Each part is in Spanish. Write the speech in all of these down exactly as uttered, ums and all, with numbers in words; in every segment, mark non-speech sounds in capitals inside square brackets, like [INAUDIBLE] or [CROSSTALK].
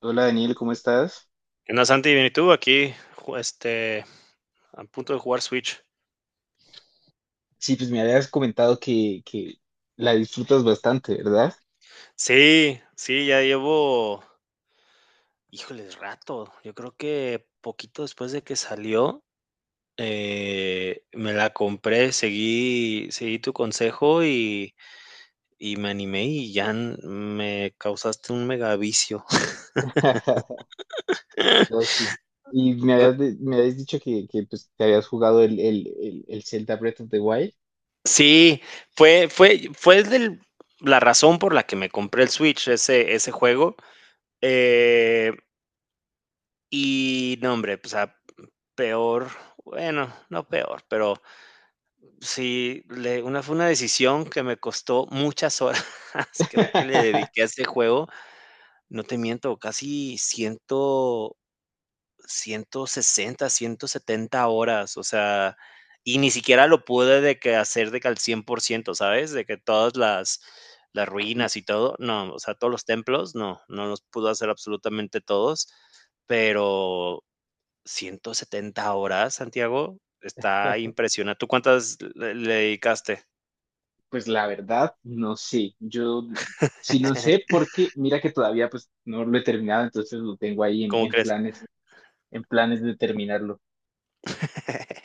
Hola Daniel, ¿cómo estás? ¿Qué onda, Santi? Bien, ¿y tú? Aquí, ju- este, a punto de jugar Switch. Sí, pues me habías comentado que, que la disfrutas bastante, ¿verdad? Sí, sí, ya llevo, híjoles, rato. Yo creo que poquito después de que salió, eh, me la compré, seguí, seguí tu consejo y, y me animé y ya n- me causaste un mega vicio. [LAUGHS] No, sí. Y me habías, [LAUGHS] de- me habías dicho que, que, pues, te habías jugado el, el, el, el Zelda Breath of the Wild. Sí, fue, fue, fue del- la razón por la que me compré el Switch, ese, ese juego. eh, y no, hombre, pues Peor, bueno, no peor, pero sí, le una fue una decisión que me costó muchas horas. [LAUGHS] Creo que le dediqué a [LAUGHS] este juego, no te miento, casi cien, ciento sesenta ciento setenta horas. O sea, y ni siquiera lo pude de que hacer de que al cien por ciento, ¿sabes? De que todas las las ruinas y todo, no, o sea, todos los templos, no, no los pudo hacer absolutamente todos, pero ciento setenta horas, Santiago, está impresionante. ¿Tú cuántas le le dedicaste? Pues la verdad, no sé. Yo sí no sé [LAUGHS] porque mira que todavía pues no lo he terminado, entonces lo tengo ahí en, ¿Cómo en crees? planes, en planes de terminarlo.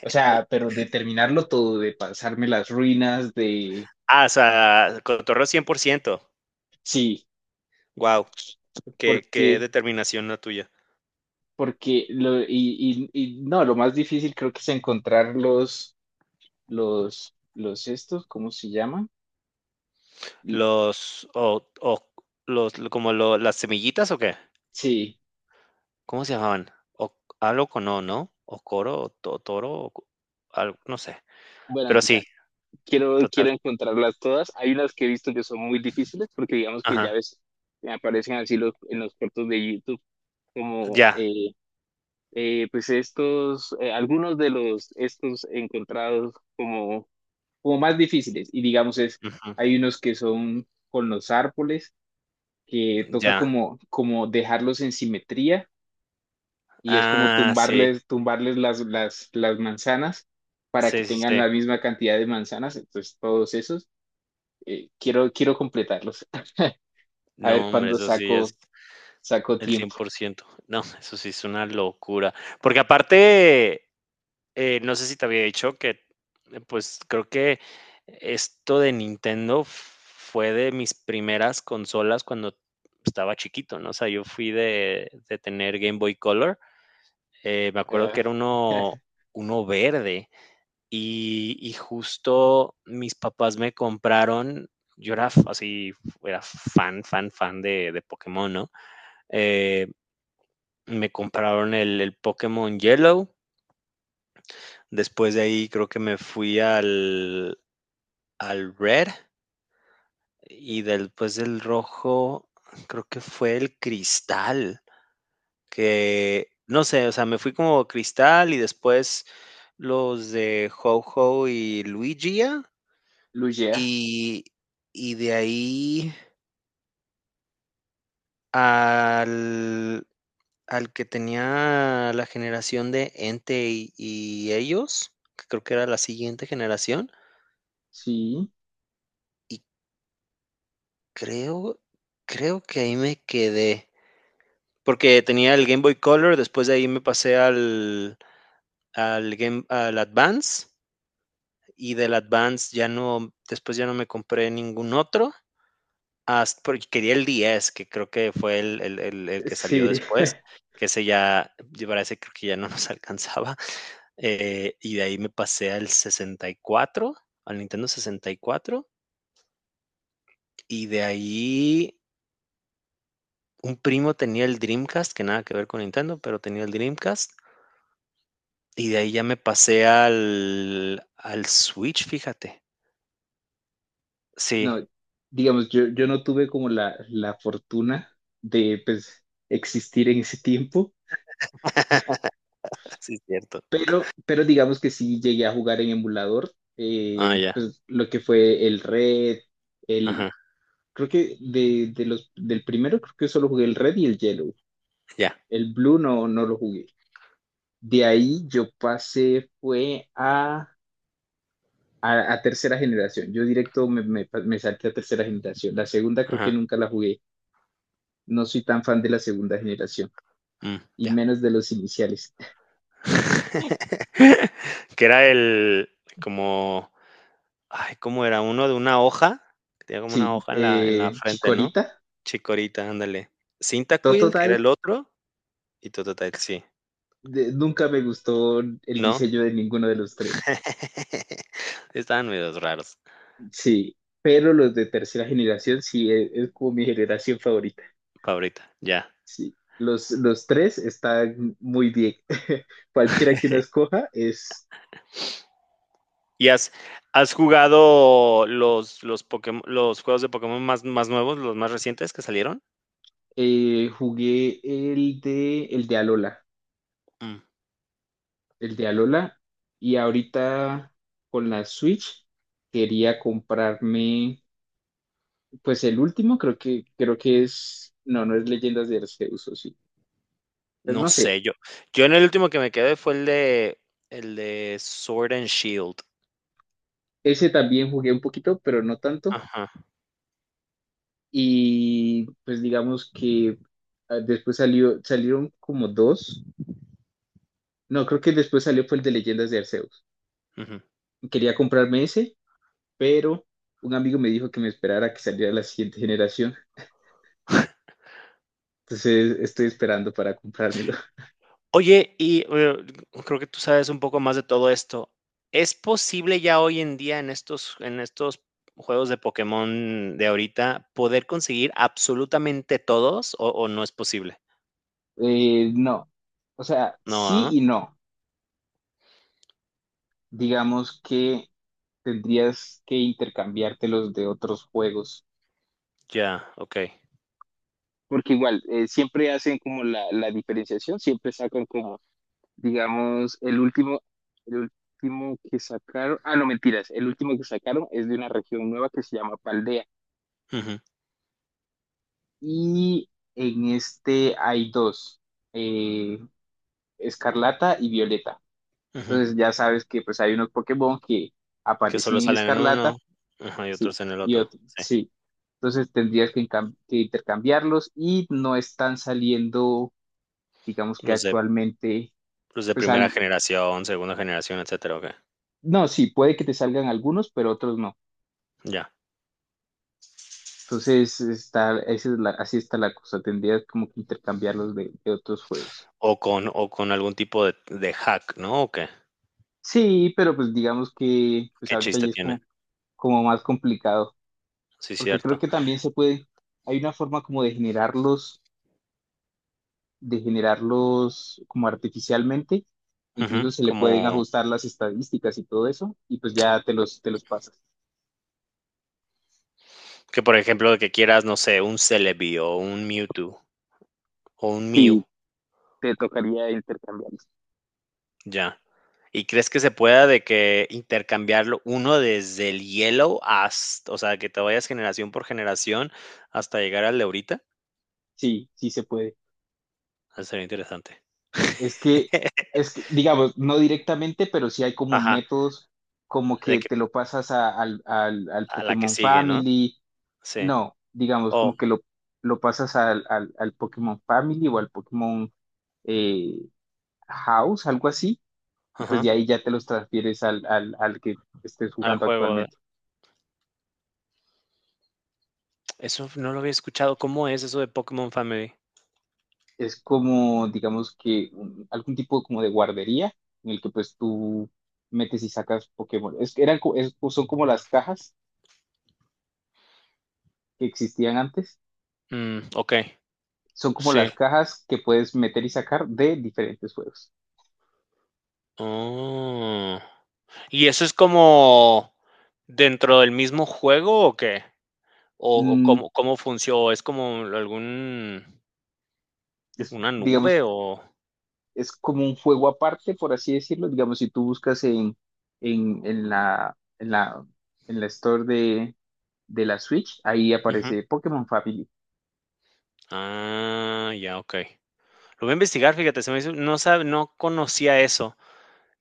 O sea, pero de terminarlo todo, de pasarme las ruinas, de... Ah, o sea, cotorreo cien por ciento. Sí, Wow, qué qué porque... determinación la tuya. porque lo, y, y, y no, lo más difícil creo que es encontrar los, los, los estos, ¿cómo se llaman? L- Los o o los lo- como lo las semillitas, ¿o qué? Sí, ¿Cómo se llamaban? O algo con O, ¿no? O coro, o to toro, o co algo, no sé. bueno, Pero sí, total, quiero, total. quiero encontrarlas todas. Hay unas que he visto que son muy difíciles porque digamos que ya Ajá, ves, me aparecen así los, en los cortos de YouTube como, ya, eh, eh, pues estos, eh, algunos de los, estos encontrados como, como más difíciles y digamos es, ujú, hay unos que son con los árboles que toca ya. como, como dejarlos en simetría y es como Ah, sí, tumbarles, tumbarles las, las, las manzanas para que sí, sí, tengan sí. la misma cantidad de manzanas. Entonces, todos esos, eh, quiero, quiero completarlos. [LAUGHS] A ver No, hombre, cuándo eso sí es. saco, saco El cien tiempo. por ciento. No, eso sí es una locura. Porque aparte, eh, no sé si te había dicho que, eh, pues, creo que esto de Nintendo fue de mis primeras consolas cuando estaba chiquito, ¿no? O sea, yo fui de, de tener Game Boy Color. Eh, me acuerdo que Ah, era uno, [LAUGHS] uno verde. Y, y justo mis papás me compraron. Yo era f- así, era fan, fan, fan de, de Pokémon, ¿no? Eh, Me compraron el el Pokémon Yellow, después de ahí creo que me fui al al Red y después del rojo, creo que fue el Cristal, que no sé, o sea, me fui como Cristal y después los de Ho-Oh y Luigi Lugea, y y de ahí al al que tenía la generación de Entei y ellos, que creo que era la siguiente generación. sí, Y creo, creo que ahí me quedé, porque tenía el Game Boy Color, después de ahí me pasé al, al Game, al Advance, y del Advance ya no, después ya no me compré ningún otro, hasta, porque quería el diez, que creo que fue el, el- el- el que salió sí. después, [LAUGHS] que ese ya, yo para ese creo que ya no nos [LAUGHS] alcanzaba. Eh, y de ahí me pasé al sesenta y cuatro, al Nintendo sesenta y cuatro, y cuatro, y de ahí un primo tenía el Dreamcast, que nada que ver con Nintendo, pero tenía el Dreamcast, y de ahí ya me pasé al al Switch, fíjate. Sí, No, digamos, yo, yo no tuve como la, la fortuna de pues, existir en ese tiempo. [LAUGHS] sí es cierto. Pero, pero digamos que sí llegué a jugar en emulador, Ah, eh, ya, pues lo que fue el Red, el, ajá, creo que de, de los, del primero creo que solo jugué el Red y el Yellow, ya, el Blue no, no lo jugué. De ahí yo pasé, fue a, a, a tercera generación, yo directo me, me, me salté a tercera generación, la segunda creo que ajá, nunca la jugué, no soy tan fan de la segunda generación, mm, y ya. menos de los iniciales. [LAUGHS] [LAUGHS] Que era el como, ay, ¿cómo era? Uno de una hoja, que tenía como una Sí, hoja en la en la eh, frente, ¿no? Chikorita, Chikorita, ándale. Cyndaquil, que era Totodile, el otro, y Totodile, sí, de- nunca me gustó el ¿no? diseño de ninguno de los tres. [LAUGHS] Estaban medios raros. Sí, pero los de tercera generación sí e- es, como mi generación favorita. Favorita, ya. Sí, los, los tres están muy bien. [LAUGHS] Cualquiera que uno escoja es. ¿Y has, has jugado los, los, Pokémon, los juegos de Pokémon más, más nuevos, los más recientes que salieron? Eh, jugué el de el de Alola, Mm, el de Alola y ahorita con la Switch quería comprarme pues el último creo que creo que es no no es Leyendas de Arceus o sí. Pues no no sé, sé, yo, yo en el último que me quedé fue el de, el de Sword and Shield. ese también jugué un poquito, pero no tanto. Ajá. Y pues digamos que ah, después salió, salieron como dos. No, creo que después salió fue el de Leyendas de Arceus. Ujú. Quería comprarme ese, pero un amigo me dijo que me esperara que saliera la siguiente generación. Entonces estoy esperando para comprármelo. [LAUGHS] Oye, y eh, creo que tú sabes un poco más de todo esto. ¿Es posible ya hoy en día en estos, en estos juegos de Pokémon de ahorita poder conseguir absolutamente todos o, o no es posible? Eh, no. O sea, No, sí ah, y no. Digamos que tendrías que intercambiártelos de otros juegos. ya, ok. Porque igual, eh, siempre hacen como la, la diferenciación, siempre sacan como digamos, el último, el último que sacaron, ah, no, mentiras, el último que sacaron es de una región nueva que se llama Paldea. Ujú, Y en este hay dos, eh, Escarlata y Violeta. ujú, Entonces ya sabes que pues hay unos Pokémon que que aparecen solo en salen en uno, Escarlata, ajá, y sí, otros en el y otro, otro, sí, sí. Entonces tendrías que, encam- que intercambiarlos y no están saliendo, digamos que los de actualmente, los de pues primera al- generación, segunda generación, etcétera, okey, no, sí, puede que te salgan algunos, pero otros no. ya. Entonces, está, esa es la- así está la cosa. Tendrías como que intercambiarlos de, de otros juegos. O con o con algún tipo de de hack, ¿no? ¿O qué? Sí, pero pues digamos que pues ¿Qué ahorita chiste ya es tiene? como, como más complicado, Sí, porque creo cierto. que también se puede, hay una forma como de generarlos, de generarlos como artificialmente, Ujú, incluso se le pueden como ajustar las estadísticas y todo eso, y pues ya te los, te los pasas. que, por ejemplo, de que quieras, no sé, un Celebi, o un Mewtwo, o un Mew, Sí, te tocaría intercambiarlos. ya. ¿Y crees que se pueda de que intercambiarlo uno desde el hielo hasta, o sea, que te vayas generación por generación hasta llegar al de ahorita? Sí, sí se puede. Eso sería interesante. Es que, es que, digamos, no directamente, pero sí hay como Ajá, métodos como de que que te lo pasas a- al, al, al a la que Pokémon sigue, ¿no? Family. Sí. No, digamos, O como que lo, lo pasas al, al, al Pokémon Family o al Pokémon eh, House, algo así. Y pues de ajá, ahí ya te los transfieres al, al, al que estés al jugando juego de actualmente. eso no lo había escuchado, ¿cómo es eso de Pokémon Family? Es como, digamos que un- algún tipo como de guardería en el que pues tú metes y sacas Pokémon. Es, que eran, co- es- son como las cajas que existían antes. Mm, okey, Son como sí. las cajas que puedes meter y sacar de diferentes juegos. Oh, ¿y eso es como dentro del mismo juego o qué? ¿O o Mm, cómo cómo funcio es como algún es, una nube digamos, o? es como un juego aparte, por así decirlo. Digamos, si tú buscas en, en, en la, en la, en la store de, de la Switch, ahí Ujú. aparece Pokémon Family. Ah, ya, okey. Lo voy a investigar, fíjate, se me hizo no sab no conocía eso.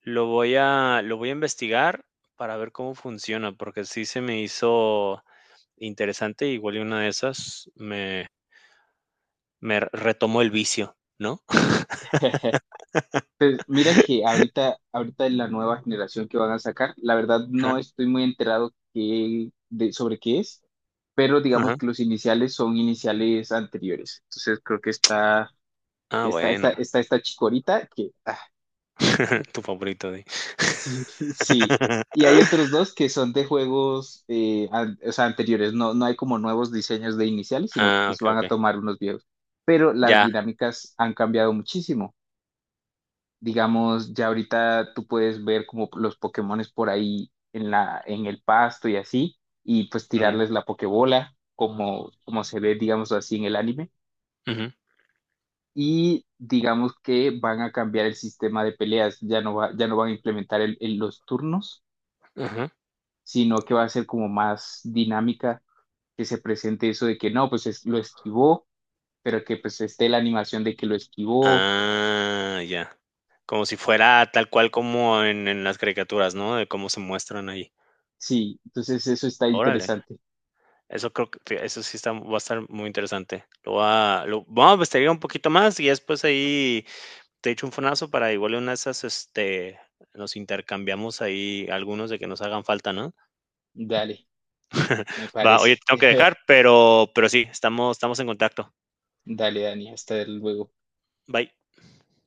Lo voy a, lo voy a investigar para ver cómo funciona, porque sí se me hizo interesante, igual y una de esas me, me retomó el vicio, ¿no? [LAUGHS] Pues mira que ahorita, ahorita en la nueva generación que van a sacar, la verdad Ajá, no estoy muy enterado qué- de, sobre qué es, pero digamos ajá. que los iniciales son iniciales anteriores. Entonces creo que está Ah, está esta, bueno. está esta chicorita que, ah, [LAUGHS] Tu favorito, di. [LAUGHS] sí, sí. Y hay otros [LAUGHS] dos que son de juegos, eh, an- o sea, anteriores. No, no hay como nuevos diseños de iniciales, sino que Ah, pues okey, van a okey. tomar unos viejos. Pero las Ya. dinámicas han cambiado muchísimo. Digamos, ya ahorita tú puedes ver como los Pokémones por ahí en la, en el pasto y así, y pues Ujú, tirarles la Pokébola, como, como se ve, digamos así, en el anime ujú, y digamos que van a cambiar el sistema de peleas, ya no va, ya no van a implementar el- el- los turnos, ujú. sino que va a ser como más dinámica que se presente eso de que no, pues es- lo esquivó, pero que pues esté la animación de que lo esquivó. Ah, ya. Como si fuera tal cual como en en las caricaturas, ¿no? De cómo se muestran ahí. Sí, entonces eso está Órale. interesante. Eso creo que fí eso sí está va a estar muy interesante. Lo voy a lo voy a investigar un poquito más y después ahí te echo un fonazo para igual en una de esas, este, nos intercambiamos ahí algunos de que nos hagan falta, ¿no? Dale, [LAUGHS] me Va, oye, te parece. tengo que dejar, pero pero sí, estamos estamos en contacto. Dale, Dani, hasta luego. Bye.